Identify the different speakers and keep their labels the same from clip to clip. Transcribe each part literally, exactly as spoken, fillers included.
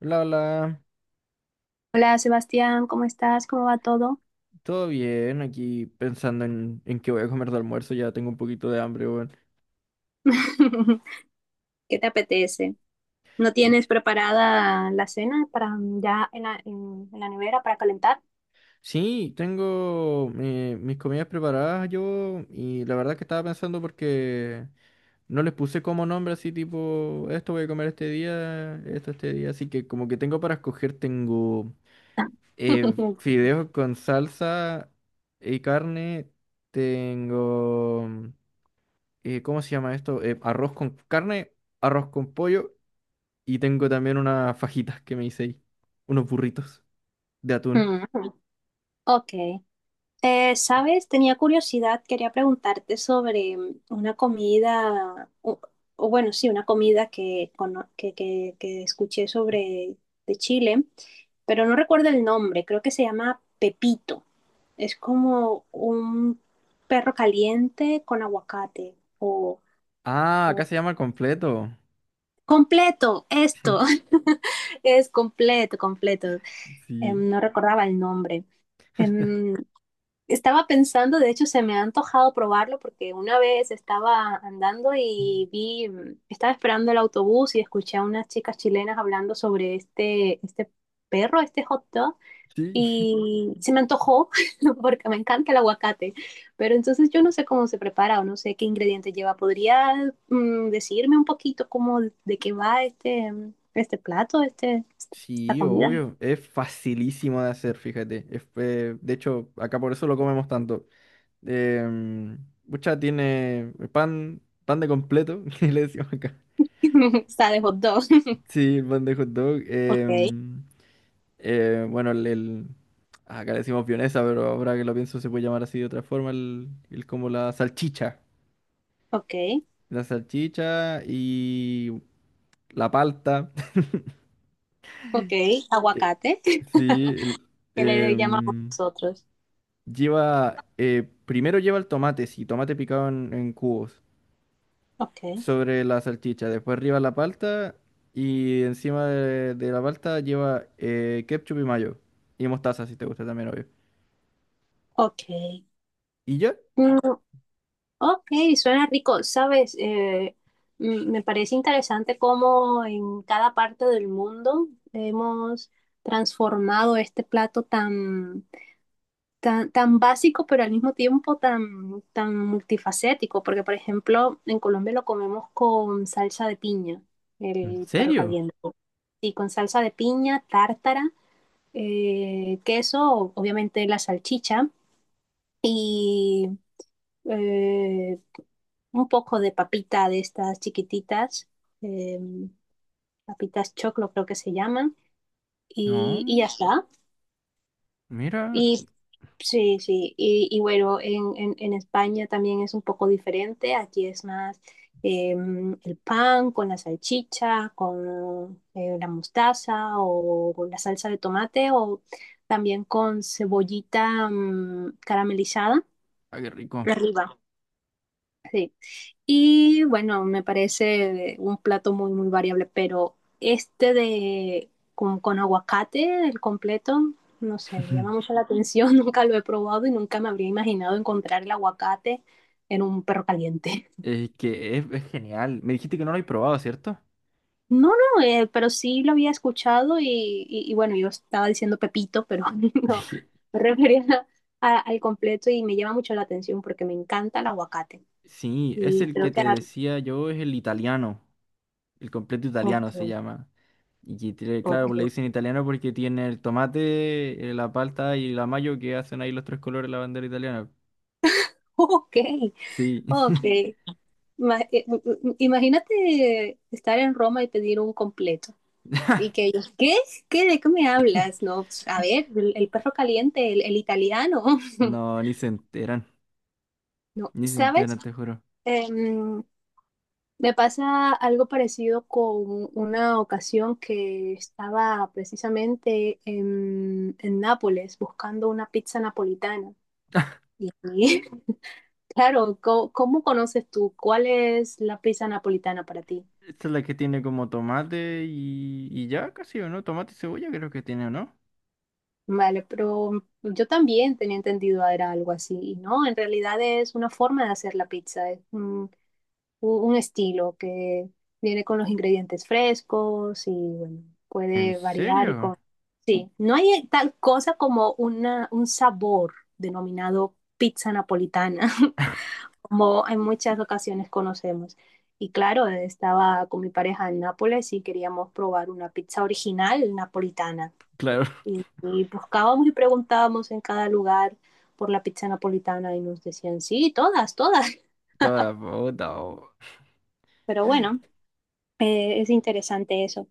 Speaker 1: Hola, hola,
Speaker 2: Hola Sebastián, ¿cómo estás? ¿Cómo va todo?
Speaker 1: todo bien, aquí pensando en, en qué voy a comer de almuerzo, ya tengo un poquito de hambre, weón.
Speaker 2: ¿Qué te apetece? ¿No
Speaker 1: Mm,
Speaker 2: tienes preparada la cena para ya en la, en- en la nevera para calentar?
Speaker 1: sí, tengo eh, mis comidas preparadas yo, y la verdad que estaba pensando porque no les puse como nombre así tipo, esto voy a comer este día, esto este día, así que como que tengo para escoger. Tengo eh, fideos con salsa y carne, tengo, eh, ¿cómo se llama esto? Eh, arroz con carne, arroz con pollo. Y tengo también unas fajitas que me hice ahí. Unos burritos de atún.
Speaker 2: Mm, Ok, Eh, ¿sabes? Tenía curiosidad, quería preguntarte sobre mm, una comida, o, o bueno, sí, una comida que, cono- que, que, que escuché sobre de Chile, pero no recuerdo el nombre, creo que se llama Pepito. Es como un perro caliente con aguacate o
Speaker 1: Ah, acá se llama completo.
Speaker 2: completo. Esto es completo, completo.
Speaker 1: Sí,
Speaker 2: Em, no recordaba el nombre. Em, Estaba pensando, de hecho se me ha antojado probarlo porque una vez estaba andando y vi, mm, estaba esperando el autobús y escuché a unas chicas chilenas hablando sobre este, este perro, este hot dog,
Speaker 1: sí,
Speaker 2: y se me antojó porque me encanta el aguacate, pero entonces yo no sé cómo se prepara o no sé qué ingredientes lleva. ¿Podría mm, decirme un poquito cómo de qué va este, mm, este plato, este, esta
Speaker 1: sí,
Speaker 2: comida?
Speaker 1: obvio. Es facilísimo de hacer, fíjate. Es, eh, de hecho, acá por eso lo comemos tanto. Eh, Pucha, tiene pan, pan de completo, que le decimos acá.
Speaker 2: Está de hot dog.
Speaker 1: Sí, el pan de hot dog.
Speaker 2: Ok,
Speaker 1: Em, eh, bueno, el, el- acá le decimos vienesa, pero ahora que lo pienso se puede llamar así de otra forma, el, el como la salchicha.
Speaker 2: ok.
Speaker 1: La salchicha y la palta.
Speaker 2: Ok,
Speaker 1: Eh,
Speaker 2: aguacate,
Speaker 1: Sí, el-
Speaker 2: que le llamamos
Speaker 1: em,
Speaker 2: nosotros.
Speaker 1: lleva, eh, primero lleva el tomate, sí, tomate picado en, en cubos
Speaker 2: Ok,
Speaker 1: sobre la salchicha, después arriba la palta, y encima de, de la palta lleva eh, ketchup y mayo, y mostaza si te gusta también, obvio.
Speaker 2: ok.
Speaker 1: ¿Y ya?
Speaker 2: Mm, ok, suena rico, ¿sabes? Eh, mm, me parece interesante cómo en cada parte del mundo hemos transformado este plato tan, tan, tan básico, pero al mismo tiempo tan, tan multifacético, porque por ejemplo, en Colombia lo comemos con salsa de piña,
Speaker 1: ¿En
Speaker 2: el perro
Speaker 1: serio?
Speaker 2: caliente. Sí, con salsa de piña, tártara, eh, queso, obviamente la salchicha y eh, un poco de papita de estas chiquititas, eh, papitas choclo creo que se llaman, y, y
Speaker 1: No,
Speaker 2: ya está.
Speaker 1: mira,
Speaker 2: Y sí, sí, y, y bueno, en, en, en España también es un poco diferente, aquí es más em, el pan con la salchicha, con eh, la mostaza o con la salsa de tomate o también con cebollita mm, caramelizada
Speaker 1: ah, qué rico.
Speaker 2: de arriba, sí. Y bueno, me parece un plato muy, muy variable, pero este de con, con aguacate, el completo, no sé, me llama mucho la atención, nunca lo he probado y nunca me habría imaginado encontrar el aguacate en un perro caliente.
Speaker 1: Es que es, es genial. Me dijiste que no lo habéis probado, ¿cierto?
Speaker 2: No, no, eh, pero sí lo había escuchado y, y- y bueno, yo estaba diciendo Pepito, pero no, me refería a- al completo y me llama mucho la atención porque me encanta el aguacate.
Speaker 1: Sí, es
Speaker 2: Y
Speaker 1: el que
Speaker 2: creo que
Speaker 1: te
Speaker 2: era...
Speaker 1: decía yo, es el italiano, el completo
Speaker 2: Ok,
Speaker 1: italiano se llama. Y que tiene- claro, le
Speaker 2: ok.
Speaker 1: dicen italiano porque tiene el tomate, eh, la palta y la mayo, que hacen ahí los tres colores de la bandera italiana.
Speaker 2: Ok,
Speaker 1: Sí.
Speaker 2: ok. Ma- eh, m- m- Imagínate estar en Roma y pedir un completo. Y que ellos, ¿qué? ¿Qué? ¿De qué me hablas? No, pues, a ver, el, el perro caliente, el, el italiano.
Speaker 1: No, ni se enteran,
Speaker 2: No,
Speaker 1: ni se
Speaker 2: ¿sabes?
Speaker 1: enteran, te juro.
Speaker 2: Em, me pasa algo parecido con una ocasión que estaba precisamente en, en Nápoles buscando una pizza napolitana. Y claro, co- ¿cómo conoces tú? ¿Cuál es la pizza napolitana para ti?
Speaker 1: Esta es la que tiene como tomate y, y ya casi, ¿o no? Tomate y cebolla creo que tiene, ¿o no?
Speaker 2: Vale, pero yo también tenía entendido era algo así, y no, en realidad es una forma de hacer la pizza, es un, un- un estilo que viene con los ingredientes frescos y bueno,
Speaker 1: ¿En
Speaker 2: puede variar
Speaker 1: serio?
Speaker 2: con... Sí, no hay tal cosa como una, un sabor denominado pizza napolitana, como en muchas ocasiones conocemos. Y claro, estaba con mi pareja en Nápoles y queríamos probar una pizza original napolitana.
Speaker 1: Claro,
Speaker 2: Y, y buscábamos y preguntábamos en cada lugar por la pizza napolitana y nos decían, sí, todas, todas.
Speaker 1: toda puta.
Speaker 2: Pero bueno, eh, es interesante eso.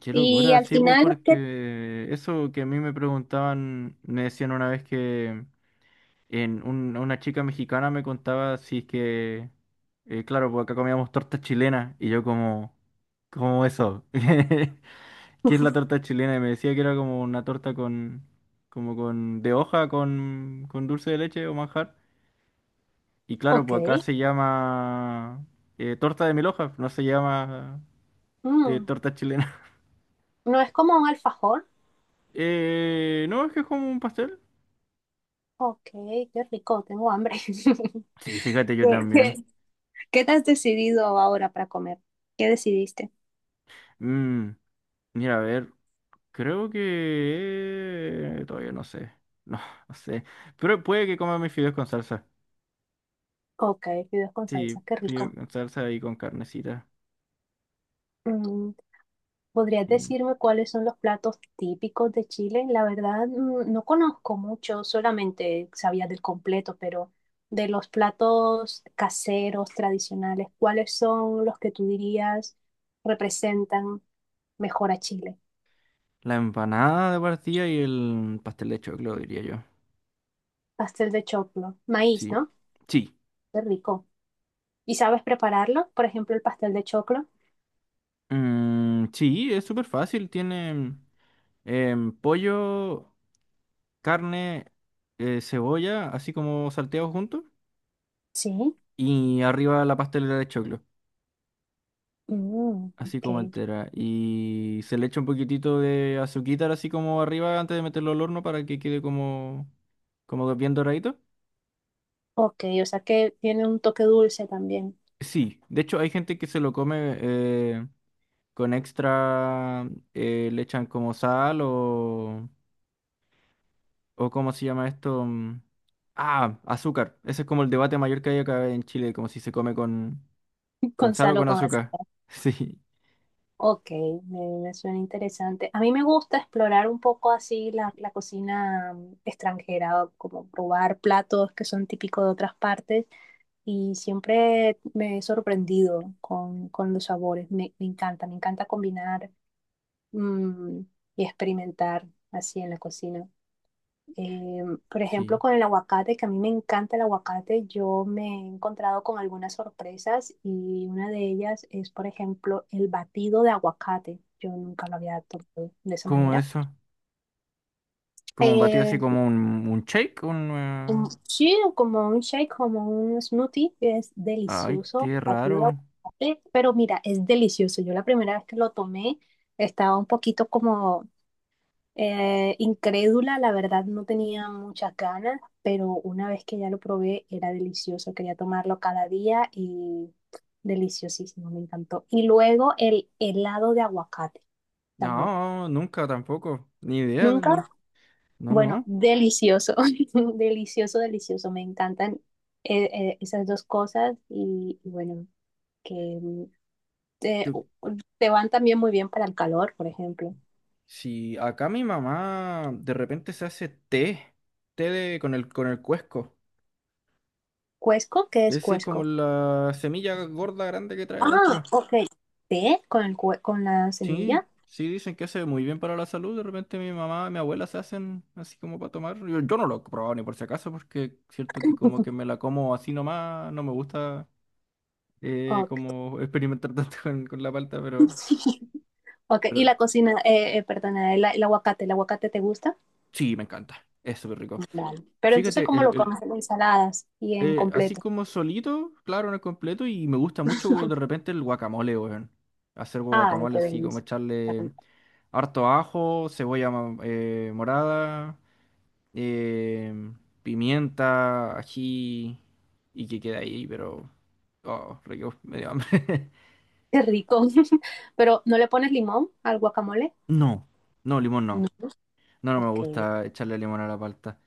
Speaker 1: Qué
Speaker 2: Y
Speaker 1: locura,
Speaker 2: al
Speaker 1: sí, po,
Speaker 2: final, ¿qué?
Speaker 1: porque eso que a mí me preguntaban, me decían una vez que en un- una chica mexicana me contaba si es que, eh, claro, pues acá comíamos torta chilena y yo como, ¿cómo eso? ¿Qué es la
Speaker 2: Uf,
Speaker 1: torta chilena? Y me decía que era como una torta con, como con, de hoja con, con dulce de leche o manjar. Y claro,
Speaker 2: ok,
Speaker 1: pues acá se llama eh, torta de mil hojas, no se llama eh,
Speaker 2: mm,
Speaker 1: torta chilena.
Speaker 2: no es como un alfajor.
Speaker 1: Eh, no, es que es como un pastel.
Speaker 2: Ok, qué rico, tengo hambre.
Speaker 1: Sí, fíjate, yo
Speaker 2: ¿Qué, qué-
Speaker 1: también.
Speaker 2: ¿qué te has decidido ahora para comer? ¿Qué decidiste?
Speaker 1: Mm, mira, a ver, creo que... Todavía no sé. No, no sé. Pero puede que coma mis fideos con salsa.
Speaker 2: Ok, fideos con salsa,
Speaker 1: Sí,
Speaker 2: qué
Speaker 1: fideos
Speaker 2: rico.
Speaker 1: con salsa y con carnecita.
Speaker 2: Mm, ¿Podrías
Speaker 1: Y
Speaker 2: decirme cuáles son los platos típicos de Chile? La verdad, mm, no conozco mucho, solamente sabía del completo, pero de los platos caseros, tradicionales, ¿cuáles son los que tú dirías representan mejor a Chile?
Speaker 1: la empanada de partida y el pastel de choclo, diría yo.
Speaker 2: Pastel de choclo, maíz,
Speaker 1: Sí.
Speaker 2: ¿no?
Speaker 1: Sí.
Speaker 2: Qué rico. ¿Y sabes prepararlo? Por ejemplo, el pastel de choclo.
Speaker 1: Mm, sí, es súper fácil. Tiene em, pollo, carne, eh, cebolla, así como salteados juntos.
Speaker 2: Sí.
Speaker 1: Y arriba la pastelera de choclo.
Speaker 2: Mm,
Speaker 1: Así
Speaker 2: ok.
Speaker 1: como entera. Y se le echa un poquitito de azuquitar así como arriba antes de meterlo al horno para que quede como, como bien doradito.
Speaker 2: Ok, o sea que tiene un toque dulce también.
Speaker 1: Sí, de hecho hay gente que se lo come eh, con extra, eh, le echan como sal o, o ¿cómo se llama esto? Mm, ah, azúcar. Ese es como el debate mayor que hay acá en Chile, como si se come con, con sal o
Speaker 2: Gonzalo,
Speaker 1: con
Speaker 2: con sal o con
Speaker 1: azúcar.
Speaker 2: azúcar.
Speaker 1: Sí,
Speaker 2: Ok, me, me suena interesante. A mí me gusta explorar un poco así la, la cocina mm, extranjera, o como probar platos que son típicos de otras partes y siempre me he sorprendido con, con los sabores. Me, me encanta, me encanta combinar, mm, y experimentar así en la cocina. Eh, por ejemplo,
Speaker 1: sí.
Speaker 2: con el aguacate, que a mí me encanta el aguacate, yo me he encontrado con algunas sorpresas y una de ellas es, por ejemplo, el batido de aguacate. Yo nunca lo había tomado de esa
Speaker 1: Como
Speaker 2: manera.
Speaker 1: eso. Como un batido así
Speaker 2: Eh,
Speaker 1: como un, un shake, un... eh,
Speaker 2: un- sí, como un shake, como un smoothie, es
Speaker 1: ay,
Speaker 2: delicioso,
Speaker 1: qué
Speaker 2: batido de
Speaker 1: raro.
Speaker 2: aguacate, pero mira, es delicioso. Yo la primera vez que lo tomé estaba un poquito como Eh, incrédula, la verdad no tenía muchas ganas, pero una vez que ya lo probé era delicioso, quería tomarlo cada día y deliciosísimo, me encantó. Y luego el helado de aguacate también.
Speaker 1: No, nunca tampoco. Ni idea,
Speaker 2: ¿Nunca?
Speaker 1: no. No,
Speaker 2: Bueno,
Speaker 1: no.
Speaker 2: delicioso, delicioso, delicioso, me encantan eh, eh, esas dos cosas y, y bueno, que mm, te,
Speaker 1: Yo-
Speaker 2: te van también muy bien para el calor, por ejemplo.
Speaker 1: si acá mi mamá de repente se hace té, té de- con el, con el cuesco.
Speaker 2: ¿Cuesco? ¿Qué es
Speaker 1: Ese es
Speaker 2: cuesco?
Speaker 1: como la semilla gorda grande que trae
Speaker 2: Ah,
Speaker 1: adentro.
Speaker 2: ok. ¿Té con el cue- con la
Speaker 1: Sí,
Speaker 2: semilla?
Speaker 1: sí, dicen que hace muy bien para la salud. De repente mi mamá y mi abuela se hacen así como para tomar. Yo, yo no lo he probado ni por si acaso, porque cierto que como que me la como así nomás, no me gusta eh,
Speaker 2: Ok.
Speaker 1: como experimentar tanto con, con la palta, pero...
Speaker 2: Ok, y
Speaker 1: Pero
Speaker 2: la cocina, eh, eh, perdona, el, el aguacate, ¿el aguacate te gusta?
Speaker 1: sí, me encanta. Es súper rico.
Speaker 2: Vale. Pero entonces,
Speaker 1: Fíjate,
Speaker 2: ¿cómo
Speaker 1: el,
Speaker 2: lo
Speaker 1: el-
Speaker 2: comes en ensaladas y en
Speaker 1: eh, así
Speaker 2: completo?
Speaker 1: como solito, claro, no es completo, y me gusta mucho de repente el guacamole, weón. Hacer
Speaker 2: Ay,
Speaker 1: guacamole
Speaker 2: qué
Speaker 1: así, como
Speaker 2: delicia.
Speaker 1: echarle harto ajo, cebolla ma- eh, morada, eh, pimienta, ají, y que queda ahí, pero... Oh, rico, me dio hambre.
Speaker 2: Qué rico. Pero, ¿no le pones limón al guacamole?
Speaker 1: No, no, limón
Speaker 2: No.
Speaker 1: no. No, no me
Speaker 2: Ok,
Speaker 1: gusta echarle limón a la palta.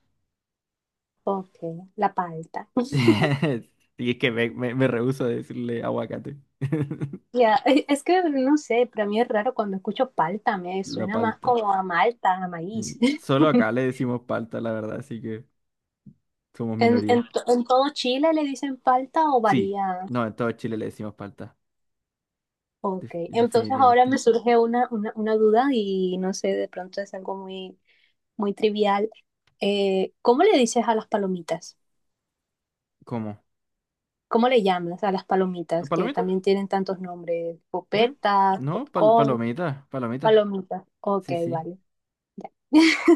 Speaker 2: ok. La palta.
Speaker 1: Y es que me, me, me rehúso a decirle aguacate.
Speaker 2: Ya, e- es que no sé, para mí es raro cuando escucho palta, me
Speaker 1: La
Speaker 2: suena más
Speaker 1: palta.
Speaker 2: como a malta, a maíz.
Speaker 1: Ni- solo acá le decimos palta, la verdad, así que somos
Speaker 2: ¿En,
Speaker 1: minoría.
Speaker 2: en, to- en todo Chile le dicen palta o
Speaker 1: Sí,
Speaker 2: varía?
Speaker 1: no, en todo Chile le decimos palta,
Speaker 2: Ok,
Speaker 1: def-
Speaker 2: entonces ahora me
Speaker 1: definitivamente.
Speaker 2: surge una, una, una duda y no sé, de pronto es algo muy, muy trivial. Eh, ¿cómo le dices a las palomitas?
Speaker 1: ¿Cómo?
Speaker 2: ¿Cómo le llamas a las palomitas que
Speaker 1: ¿Palomita?
Speaker 2: también tienen tantos nombres?
Speaker 1: Sí.
Speaker 2: Popetas,
Speaker 1: No, pal-
Speaker 2: popcorn,
Speaker 1: palomita, palomita.
Speaker 2: palomitas. Ok,
Speaker 1: Sí, sí.
Speaker 2: vale.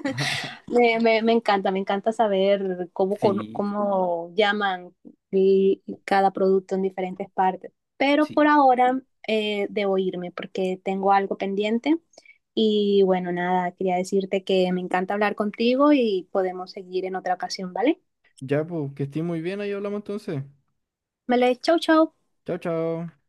Speaker 2: Me, me, me encanta, me encanta saber cómo, con-
Speaker 1: Sí,
Speaker 2: cómo llaman y- cada producto en diferentes partes. Pero
Speaker 1: sí.
Speaker 2: por ahora eh, debo irme porque tengo algo pendiente. Y bueno, nada, quería decirte que me encanta hablar contigo y podemos seguir en otra ocasión, ¿vale?
Speaker 1: Ya, pues, que estés muy bien, ahí hablamos entonces.
Speaker 2: Vale, chau, chau.
Speaker 1: Chao, chao.